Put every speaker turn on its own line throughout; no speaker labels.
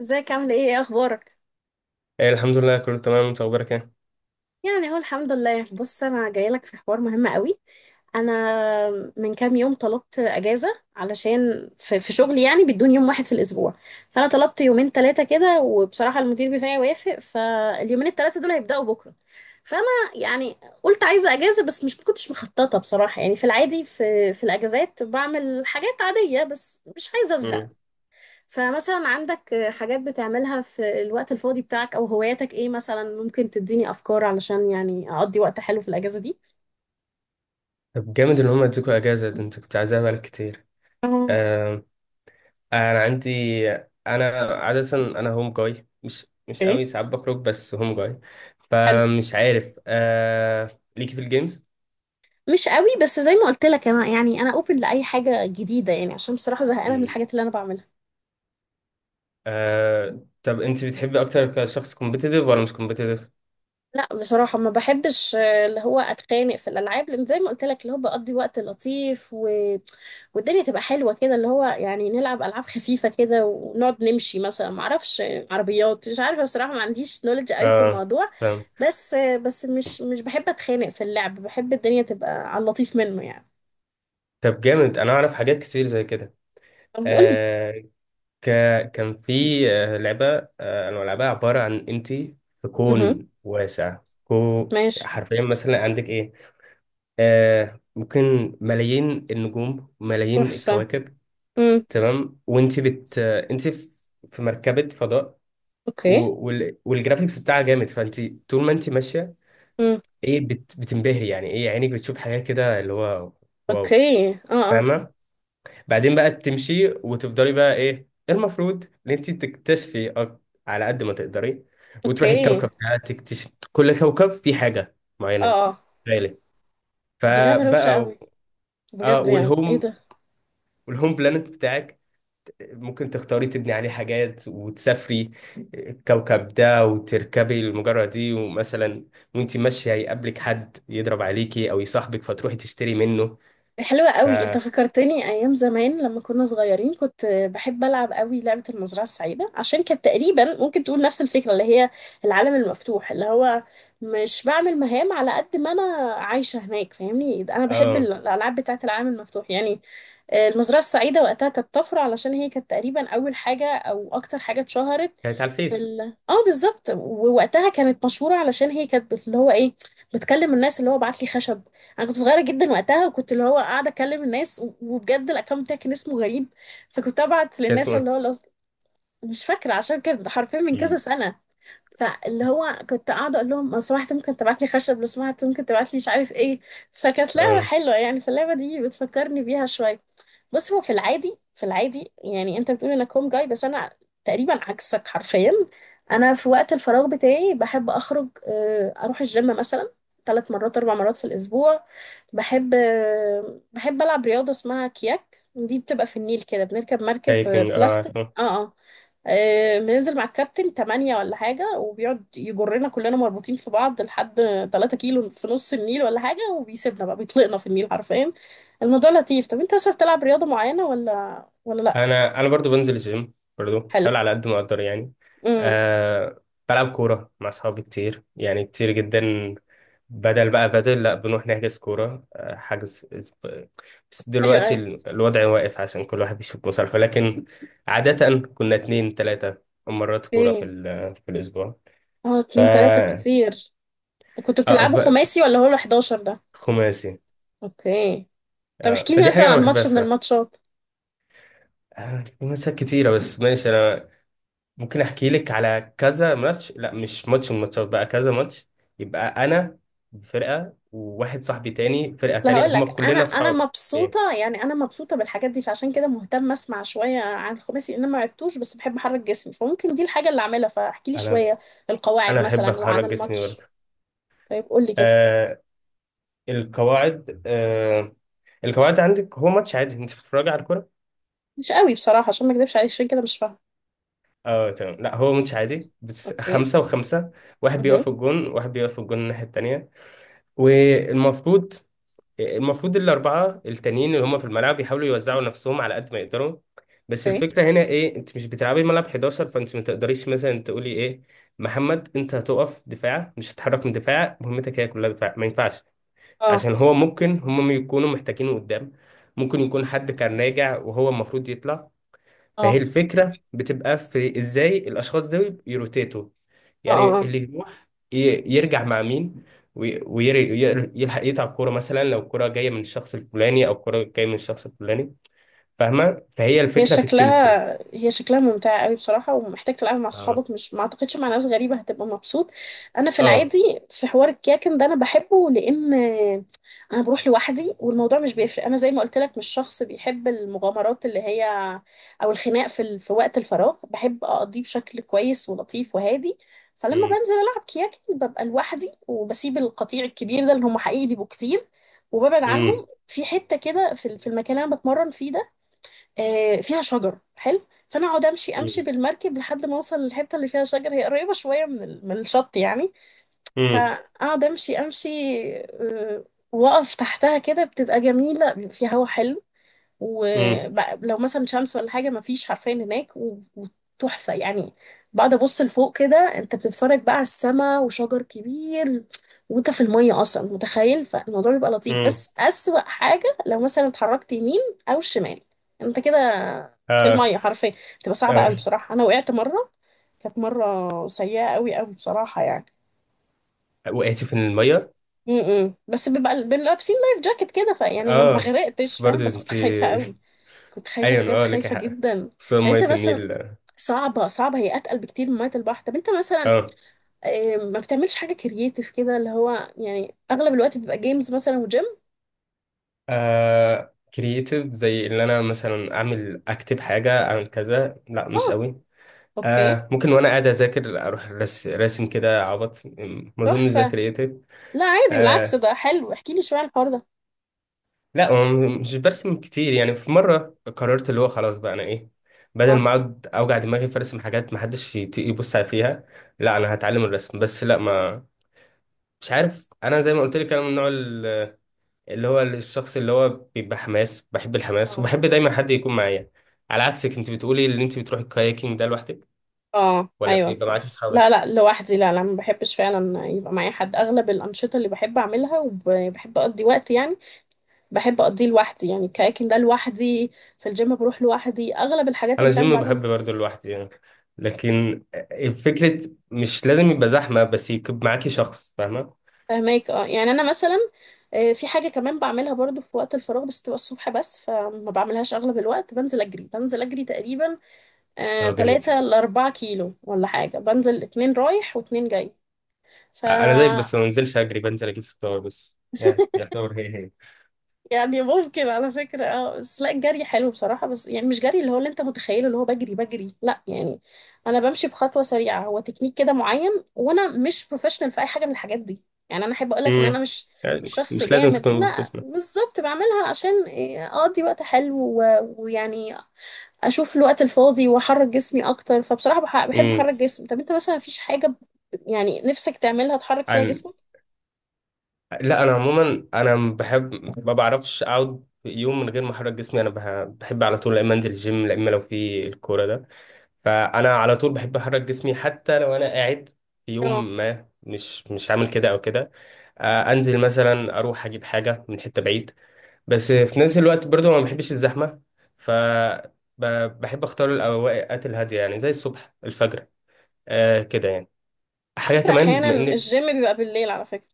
ازيك، عامل ايه؟ ايه اخبارك؟
إيه، الحمد لله كله تمام. انت اخبارك ايه؟
يعني اهو الحمد لله. بص، انا جايه لك في حوار مهم قوي. انا من كام يوم طلبت اجازه علشان في شغلي، يعني بدون يوم واحد في الاسبوع. فانا طلبت يومين ثلاثه كده، وبصراحه المدير بتاعي وافق، فاليومين الثلاثه دول هيبداوا بكره. فانا يعني قلت عايزه اجازه، بس مش كنتش مخططه بصراحه. يعني في العادي في الاجازات بعمل حاجات عاديه، بس مش عايزه ازهق.
مم.
فمثلا عندك حاجات بتعملها في الوقت الفاضي بتاعك او هواياتك؟ ايه مثلا ممكن تديني افكار علشان يعني اقضي وقت حلو في الاجازة دي؟
طب جامد ان هم ادوكوا اجازه، ده انت كنت عايزاها بقالك كتير.
اه.
آه. انا عندي، انا عاده انا هوم جاي، مش
ايه.
قوي ساعات بخرج بس هوم جاي.
حلو.
فمش عارف آه ليكي في الجيمز.
مش قوي، بس زي ما قلت لك انا يعني انا اوبن لاي حاجة جديدة، يعني عشان بصراحة زهقانة من
مم.
الحاجات اللي انا بعملها.
آه. طب انت بتحبي اكتر كشخص كومبيتيتيف ولا مش كومبيتيتيف؟
لا، بصراحة ما بحبش، اللي هو اتخانق في الالعاب، لان زي ما قلت لك اللي هو بقضي وقت لطيف، والدنيا تبقى حلوة كده، اللي هو يعني نلعب العاب خفيفة كده ونقعد نمشي مثلا، ما اعرفش، عربيات، مش عارفة بصراحة، ما عنديش نولج قوي في
اه
الموضوع.
فاهم.
بس، بس مش بحب اتخانق في اللعب، بحب الدنيا تبقى على اللطيف منه يعني.
طب جامد، انا اعرف حاجات كتير زي كده.
طب قولي.
آه، ك... كان في لعبة أنا بلعبها، عبارة عن أنت في
اها.
كون واسع. كو
ماشي.
حرفيا مثلا عندك إيه، آه ممكن ملايين النجوم، ملايين
تحفة.
الكواكب.
امم.
تمام. وأنت بت آه، أنت في في مركبة فضاء و...
اوكي.
والجرافيكس بتاعها جامد. فأنت طول ما أنت ماشية
امم.
بتنبهري، يعني إيه، عينك بتشوف حاجات كده اللي هو واو.
اوكي. اه، اه.
فاهمة؟ بعدين بقى تمشي وتفضلي بقى إيه المفروض ان انت تكتشفي على قد ما تقدري، وتروحي
اوكي.
الكوكب ده، تكتشف كل كوكب فيه حاجة معينة.
اه، اه.
غالي.
دي لعبة روشة
فبقى و-
قوي
اه،
بجد، يعني ايه ده!
والهوم بلانت بتاعك ممكن تختاري تبني عليه حاجات، وتسافري الكوكب ده، وتركبي المجرة دي. ومثلا وانت ماشية يقابلك حد يضرب عليكي او يصاحبك، فتروحي تشتري منه.
حلوة
ف
قوي، انت فكرتني ايام زمان لما كنا صغيرين، كنت بحب العب قوي لعبة المزرعة السعيدة، عشان كانت تقريبا ممكن تقول نفس الفكرة، اللي هي العالم المفتوح، اللي هو مش بعمل مهام على قد ما انا عايشة هناك، فاهمني؟ انا بحب
اه،
الالعاب بتاعة العالم المفتوح يعني. المزرعة السعيدة وقتها كانت طفرة، علشان هي كانت تقريبا أول حاجة أو أكتر حاجة اتشهرت
كانت على
في
الفيس.
ال اه بالظبط. ووقتها كانت مشهورة علشان هي كانت اللي هو ايه، بتكلم الناس، اللي هو بعت لي خشب. أنا كنت صغيرة جدا وقتها، وكنت اللي هو قاعدة أكلم الناس، و- وبجد الأكونت بتاعي كان اسمه غريب. فكنت أبعت
كان
للناس
اسمه
اللي
إيه؟
هو لو، مش فاكرة عشان كانت حرفيا من كذا
مم.
سنة. فاللي هو كنت قاعدة أقول لهم لو سمحت ممكن تبعت لي خشب، لو سمحت ممكن تبعت لي مش عارف إيه. فكانت لعبة
اه،
حلوة يعني، فاللعبة دي بتفكرني بيها شوية. بص، هو في العادي يعني أنت بتقول إنك هوم جاي، بس أنا تقريبا عكسك حرفيا. أنا في وقت الفراغ بتاعي بحب أخرج، أروح الجيم مثلا 3 مرات 4 مرات في الأسبوع. بحب، بحب ألعب رياضة اسمها كياك، دي بتبقى في النيل كده، بنركب مركب
هايكنج، اه
بلاستيك.
عارفه.
اه، اه. بننزل مع الكابتن 8 ولا حاجة، وبيقعد يجرنا كلنا مربوطين في بعض لحد 3 كيلو في نص النيل ولا حاجة، وبيسيبنا بقى، بيطلقنا في النيل حرفيا. الموضوع لطيف. طب انت اصلا بتلعب رياضة معينة ولا لأ؟
انا برضو بنزل الجيم، برضو
حلو.
بحاول على قد ما اقدر يعني.
امم.
آه، بلعب كوره مع اصحابي كتير، يعني كتير جدا. بدل بقى بدل لا، بنروح نحجز كوره. بس
ايوه،
دلوقتي
ايوه.
الوضع واقف، عشان كل واحد بيشوف مصالحه. لكن عاده كنا اتنين تلاته مرات كوره في
اوكي.
في الاسبوع.
اه،
ف
اتنين تلاتة كتير. كنتوا
اه
بتلعبوا
ف-
خماسي ولا هو ال 11 ده؟
خماسي.
اوكي. طب
آه،
احكي لي
فدي
مثلا
حاجه انا
عن
بحبها
ماتش من
الصراحه.
الماتشات.
آه، خماسيات كتيره. بس ماشي، انا ممكن احكي لك على كذا ماتش. لا، مش ماتش من الماتشات بقى، كذا ماتش. يبقى انا فرقه، وواحد صاحبي تاني فرقه
اصل
تانية،
هقول
هم
لك انا
كلنا
انا
اصحاب. إيه؟
مبسوطه يعني، انا مبسوطه بالحاجات دي، فعشان كده مهتم اسمع شويه عن الخماسي، ان انا ما عدتوش بس بحب احرك جسمي، فممكن دي الحاجه اللي اعملها، فاحكي لي
انا
شويه
انا
القواعد
احب
مثلا وعن
اخرج جسمي برضه.
الماتش. طيب قول لي كده.
آه، القواعد. آه، القواعد عندك، هو ماتش عادي انت بتتفرجي على الكوره.
مش قوي بصراحه، عشان ما اكذبش عليك عشان كده مش فاهمه.
اه تمام. لا، هو ماتش عادي بس
اوكي.
خمسة وخمسة. واحد بيقف
اها.
في الجون، واحد بيقف في الجون الناحية التانية. والمفروض المفروض الأربعة التانيين اللي هم في الملعب يحاولوا يوزعوا نفسهم على قد ما يقدروا. بس
اوكي.
الفكرة هنا إيه، أنت مش بتلعبي الملعب 11، فأنت ما تقدريش مثلا تقولي إيه، محمد أنت هتقف دفاع، مش هتتحرك من دفاع، مهمتك هي كلها دفاع. ما ينفعش،
اه،
عشان هو ممكن هم يكونوا محتاجينه قدام. ممكن يكون حد كان راجع وهو المفروض يطلع. فهي
اه.
الفكرة بتبقى في ازاي الاشخاص دول يروتيتوا،
اه،
يعني
اه.
اللي يروح يرجع مع مين، ويلحق يتعب كورة، مثلا لو الكورة جاية من الشخص الفلاني او الكورة جاية من الشخص الفلاني، فاهمة؟ فهي
هي
الفكرة في الكيمستري.
شكلها هي شكلها ممتعة قوي بصراحة، ومحتاج تلعبها مع
اه
صحابك، مش، ما اعتقدش مع ناس غريبة هتبقى مبسوط. انا في
اه.
العادي في حوار الكيكن ده انا بحبه، لان انا بروح لوحدي والموضوع مش بيفرق. انا زي ما قلت لك مش شخص بيحب المغامرات، اللي هي او الخناق، في وقت الفراغ بحب اقضيه بشكل كويس ولطيف وهادي. فلما
امم
بنزل العب كياكن ببقى لوحدي، وبسيب القطيع الكبير ده اللي هم حقيقي بيبقوا كتير، وببعد
امم
عنهم في حتة كده في المكان اللي انا بتمرن فيه ده، فيها شجر حلو. فانا اقعد امشي امشي بالمركب، لحد ما اوصل للحته اللي فيها شجر، هي قريبه شويه من الشط يعني.
امم
فاقعد امشي امشي، آه، واقف تحتها كده، بتبقى جميله، بيبقى فيها هوا حلو،
امم
ولو مثلا شمس ولا حاجه مفيش حرفيا هناك، و- وتحفه يعني. بقعد ابص لفوق كده، انت بتتفرج بقى على السما وشجر كبير وانت في الميه اصلا، متخيل؟ فالموضوع بيبقى لطيف،
امم
بس اسوأ حاجه لو مثلا اتحركت يمين او شمال، انت كده في
اه
الميه حرفيا، بتبقى صعبه قوي
اه.
بصراحه. انا وقعت مره، كانت مره سيئه قوي قوي بصراحه يعني.
وقعتي في المية؟
امم. بس بيبقى بنبقى لابسين لايف جاكيت كده، فيعني ما
اه،
غرقتش،
بس
فاهم؟
برضه
بس كنت
انت
خايفه قوي، كنت خايفه
ايوه
بجد،
اه لك
خايفه
حق،
جدا.
خصوصا
طب انت
مية
مثلا،
النيل.
صعبه صعبه هي، اتقل بكتير من ميه البحر. طب انت مثلا،
اه.
ما بتعملش حاجه كرييتيف كده اللي هو؟ يعني اغلب الوقت بيبقى جيمز مثلا وجيم.
آه كرييتيف زي اللي انا مثلا اعمل اكتب حاجه اعمل كذا؟ لا مش
اه.
قوي.
اوكي.
آه، ممكن وانا قاعد اذاكر اروح راسم كده عبط. ما اظنش ده
تحفه.
كرييتيف.
لا، عادي، بالعكس
آه،
ده حلو، احكي لي شويه عن الحوار ده.
لا هو مش برسم كتير يعني. في مره قررت اللي هو خلاص بقى انا ايه، بدل ما اقعد اوجع دماغي في ارسم حاجات ما حدش يبص عليها، لا انا هتعلم الرسم. بس لا ما مش عارف، انا زي ما قلت لك، انا من النوع اللي هو الشخص اللي هو بيبقى حماس، بحب الحماس،
اه،
وبحب دايما حد يكون معايا. على عكسك، انت بتقولي ان انت بتروحي الكاياكينج ده لوحدك
اه.
ولا
ايوه،
بيبقى
فعلا.
معاك
لا،
اصحابك؟
لا، لوحدي. لا، لا، ما بحبش فعلا يبقى معايا حد. اغلب الانشطه اللي بحب اعملها وبحب اقضي وقت يعني، بحب اقضيه لوحدي يعني. الكاياكينج ده لوحدي، في الجيم بروح لوحدي، اغلب الحاجات
انا
اللي فعلا
الجيم
بعملها.
بحب برضه لوحدي يعني، لكن الفكرة مش لازم يبقى زحمة، بس يكون معاكي شخص، فاهمة؟
فهماك. اه، يعني انا مثلا في حاجه كمان بعملها برضو في وقت الفراغ، بس تبقى الصبح بس فما بعملهاش اغلب الوقت. بنزل اجري تقريبا
اه جامد.
3 ل 4 كيلو ولا حاجه، بنزل اتنين رايح واتنين جاي. ف
انا زيك، بس ما بنزلش اجري، بنزل اجيب فطار، بس يعني يعتبر هي هي.
يعني ممكن على فكرة، اه. بس لا، الجري حلو بصراحة، بس يعني مش جري اللي هو اللي انت متخيله، اللي هو بجري بجري لا يعني. انا بمشي بخطوة سريعة، هو تكنيك كده معين، وانا مش بروفيشنال في اي حاجة من الحاجات دي. يعني انا احب اقولك ان انا
امم
مش
يعني
مش شخص
مش لازم
جامد.
تكون
لا
بروفيشنال.
بالظبط، بعملها عشان إيه، اقضي وقت حلو، و- ويعني اشوف الوقت الفاضي واحرك جسمي اكتر، فبصراحة بحب
امم
احرك جسمي. طب انت مثلا مفيش حاجة يعني نفسك تعملها تحرك فيها جسمك؟
لا انا عموما انا بحب، ما بعرفش اقعد يوم من غير ما احرك جسمي. انا بحب على طول، لا اما انزل الجيم، لا اما لو في الكوره ده. فانا على طول بحب احرك جسمي، حتى لو انا قاعد في
اه،
يوم ما مش عامل كده او كده، آه، انزل مثلا اروح اجيب حاجه من حته بعيد. بس في نفس الوقت برضو ما بحبش الزحمه. ف بحب اختار الاوقات الهاديه، يعني زي الصبح، الفجر، آه كده يعني. حاجه
فكرة.
كمان
احيانا
بما انك
الجيم بيبقى بالليل على فكرة،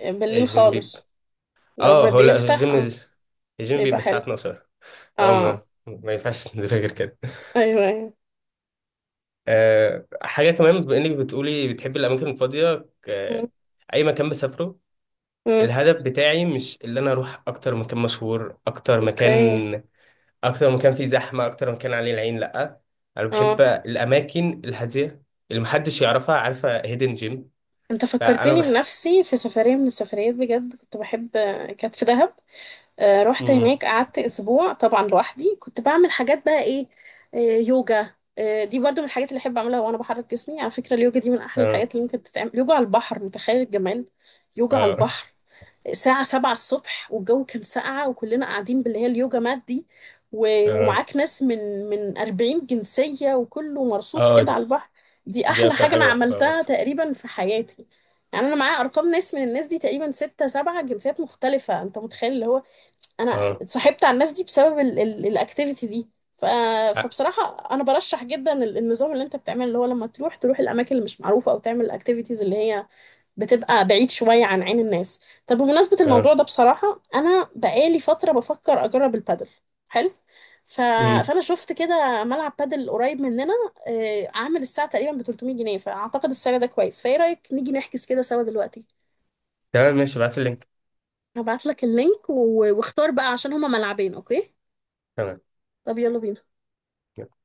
بالليل
الجيم،
خالص لو
اه
ما
هو لا في
بيفتح.
الجيم
اه،
الجيم
بيبقى
بيبقى الساعة
حلو.
12، هو ما
اه،
ما ينفعش تنزل غير كده.
ايوه، ايوه.
أه، حاجة كمان بما انك بتقولي بتحبي الأماكن الفاضية،
مم.
أي مكان بسافره،
مم.
الهدف بتاعي مش اللي أنا أروح أكتر مكان مشهور، أكتر
اوكي.
مكان، أكتر مكان فيه زحمة، أكتر مكان عليه العين، لأ. أنا بحب
اه،
الأماكن الهادية اللي محدش يعرفها، عارفة هيدن جيم؟
انت
فأنا
فكرتني
بحب.
بنفسي في سفرية من السفريات، بجد كنت بحب، كانت في دهب. آه، رحت
مم.
هناك قعدت اسبوع طبعا لوحدي، كنت بعمل حاجات بقى ايه؟ آه يوجا، دي برضو من الحاجات اللي احب اعملها وانا بحرك جسمي. على فكرة، اليوجا دي من احلى
اه
الحاجات اللي ممكن تتعمل، يوجا على البحر، متخيل الجمال؟ يوجا على
اه
البحر، الساعة 7 الصبح والجو كان ساقعة، وكلنا قاعدين باللي هي اليوجا مات دي، و-
اه
ومعاك ناس من 40 جنسية، وكله مرصوص كده
اه.
على البحر. دي
دي
أحلى
أكتر
حاجة
حاجة
أنا
بحبها
عملتها
برضه.
تقريبا في حياتي. يعني أنا معايا أرقام ناس من الناس دي، تقريبا ستة سبعة جنسيات مختلفة، أنت متخيل؟ اللي هو أنا
اه
اتصاحبت على الناس دي بسبب الأكتيفيتي دي. ف...
اه.
فبصراحة أنا برشح جدا النظام اللي أنت بتعمله، اللي هو لما تروح الأماكن اللي مش معروفة، أو تعمل الأكتيفيتيز اللي هي بتبقى بعيد شوية عن عين الناس. طب بمناسبة الموضوع
آه.
ده، بصراحة أنا بقالي فترة بفكر أجرب البادل. حلو. ف...
مم.
فأنا شفت كده ملعب بادل قريب مننا، عامل الساعة تقريبا ب 300 جنيه، فأعتقد السعر ده كويس، فإيه رأيك نيجي نحجز كده سوا دلوقتي؟
تمام ماشي، ابعت اللينك.
هبعت لك اللينك واختار بقى عشان هما ملعبين. أوكي.
تمام.
طب يلا بينا.
يلا.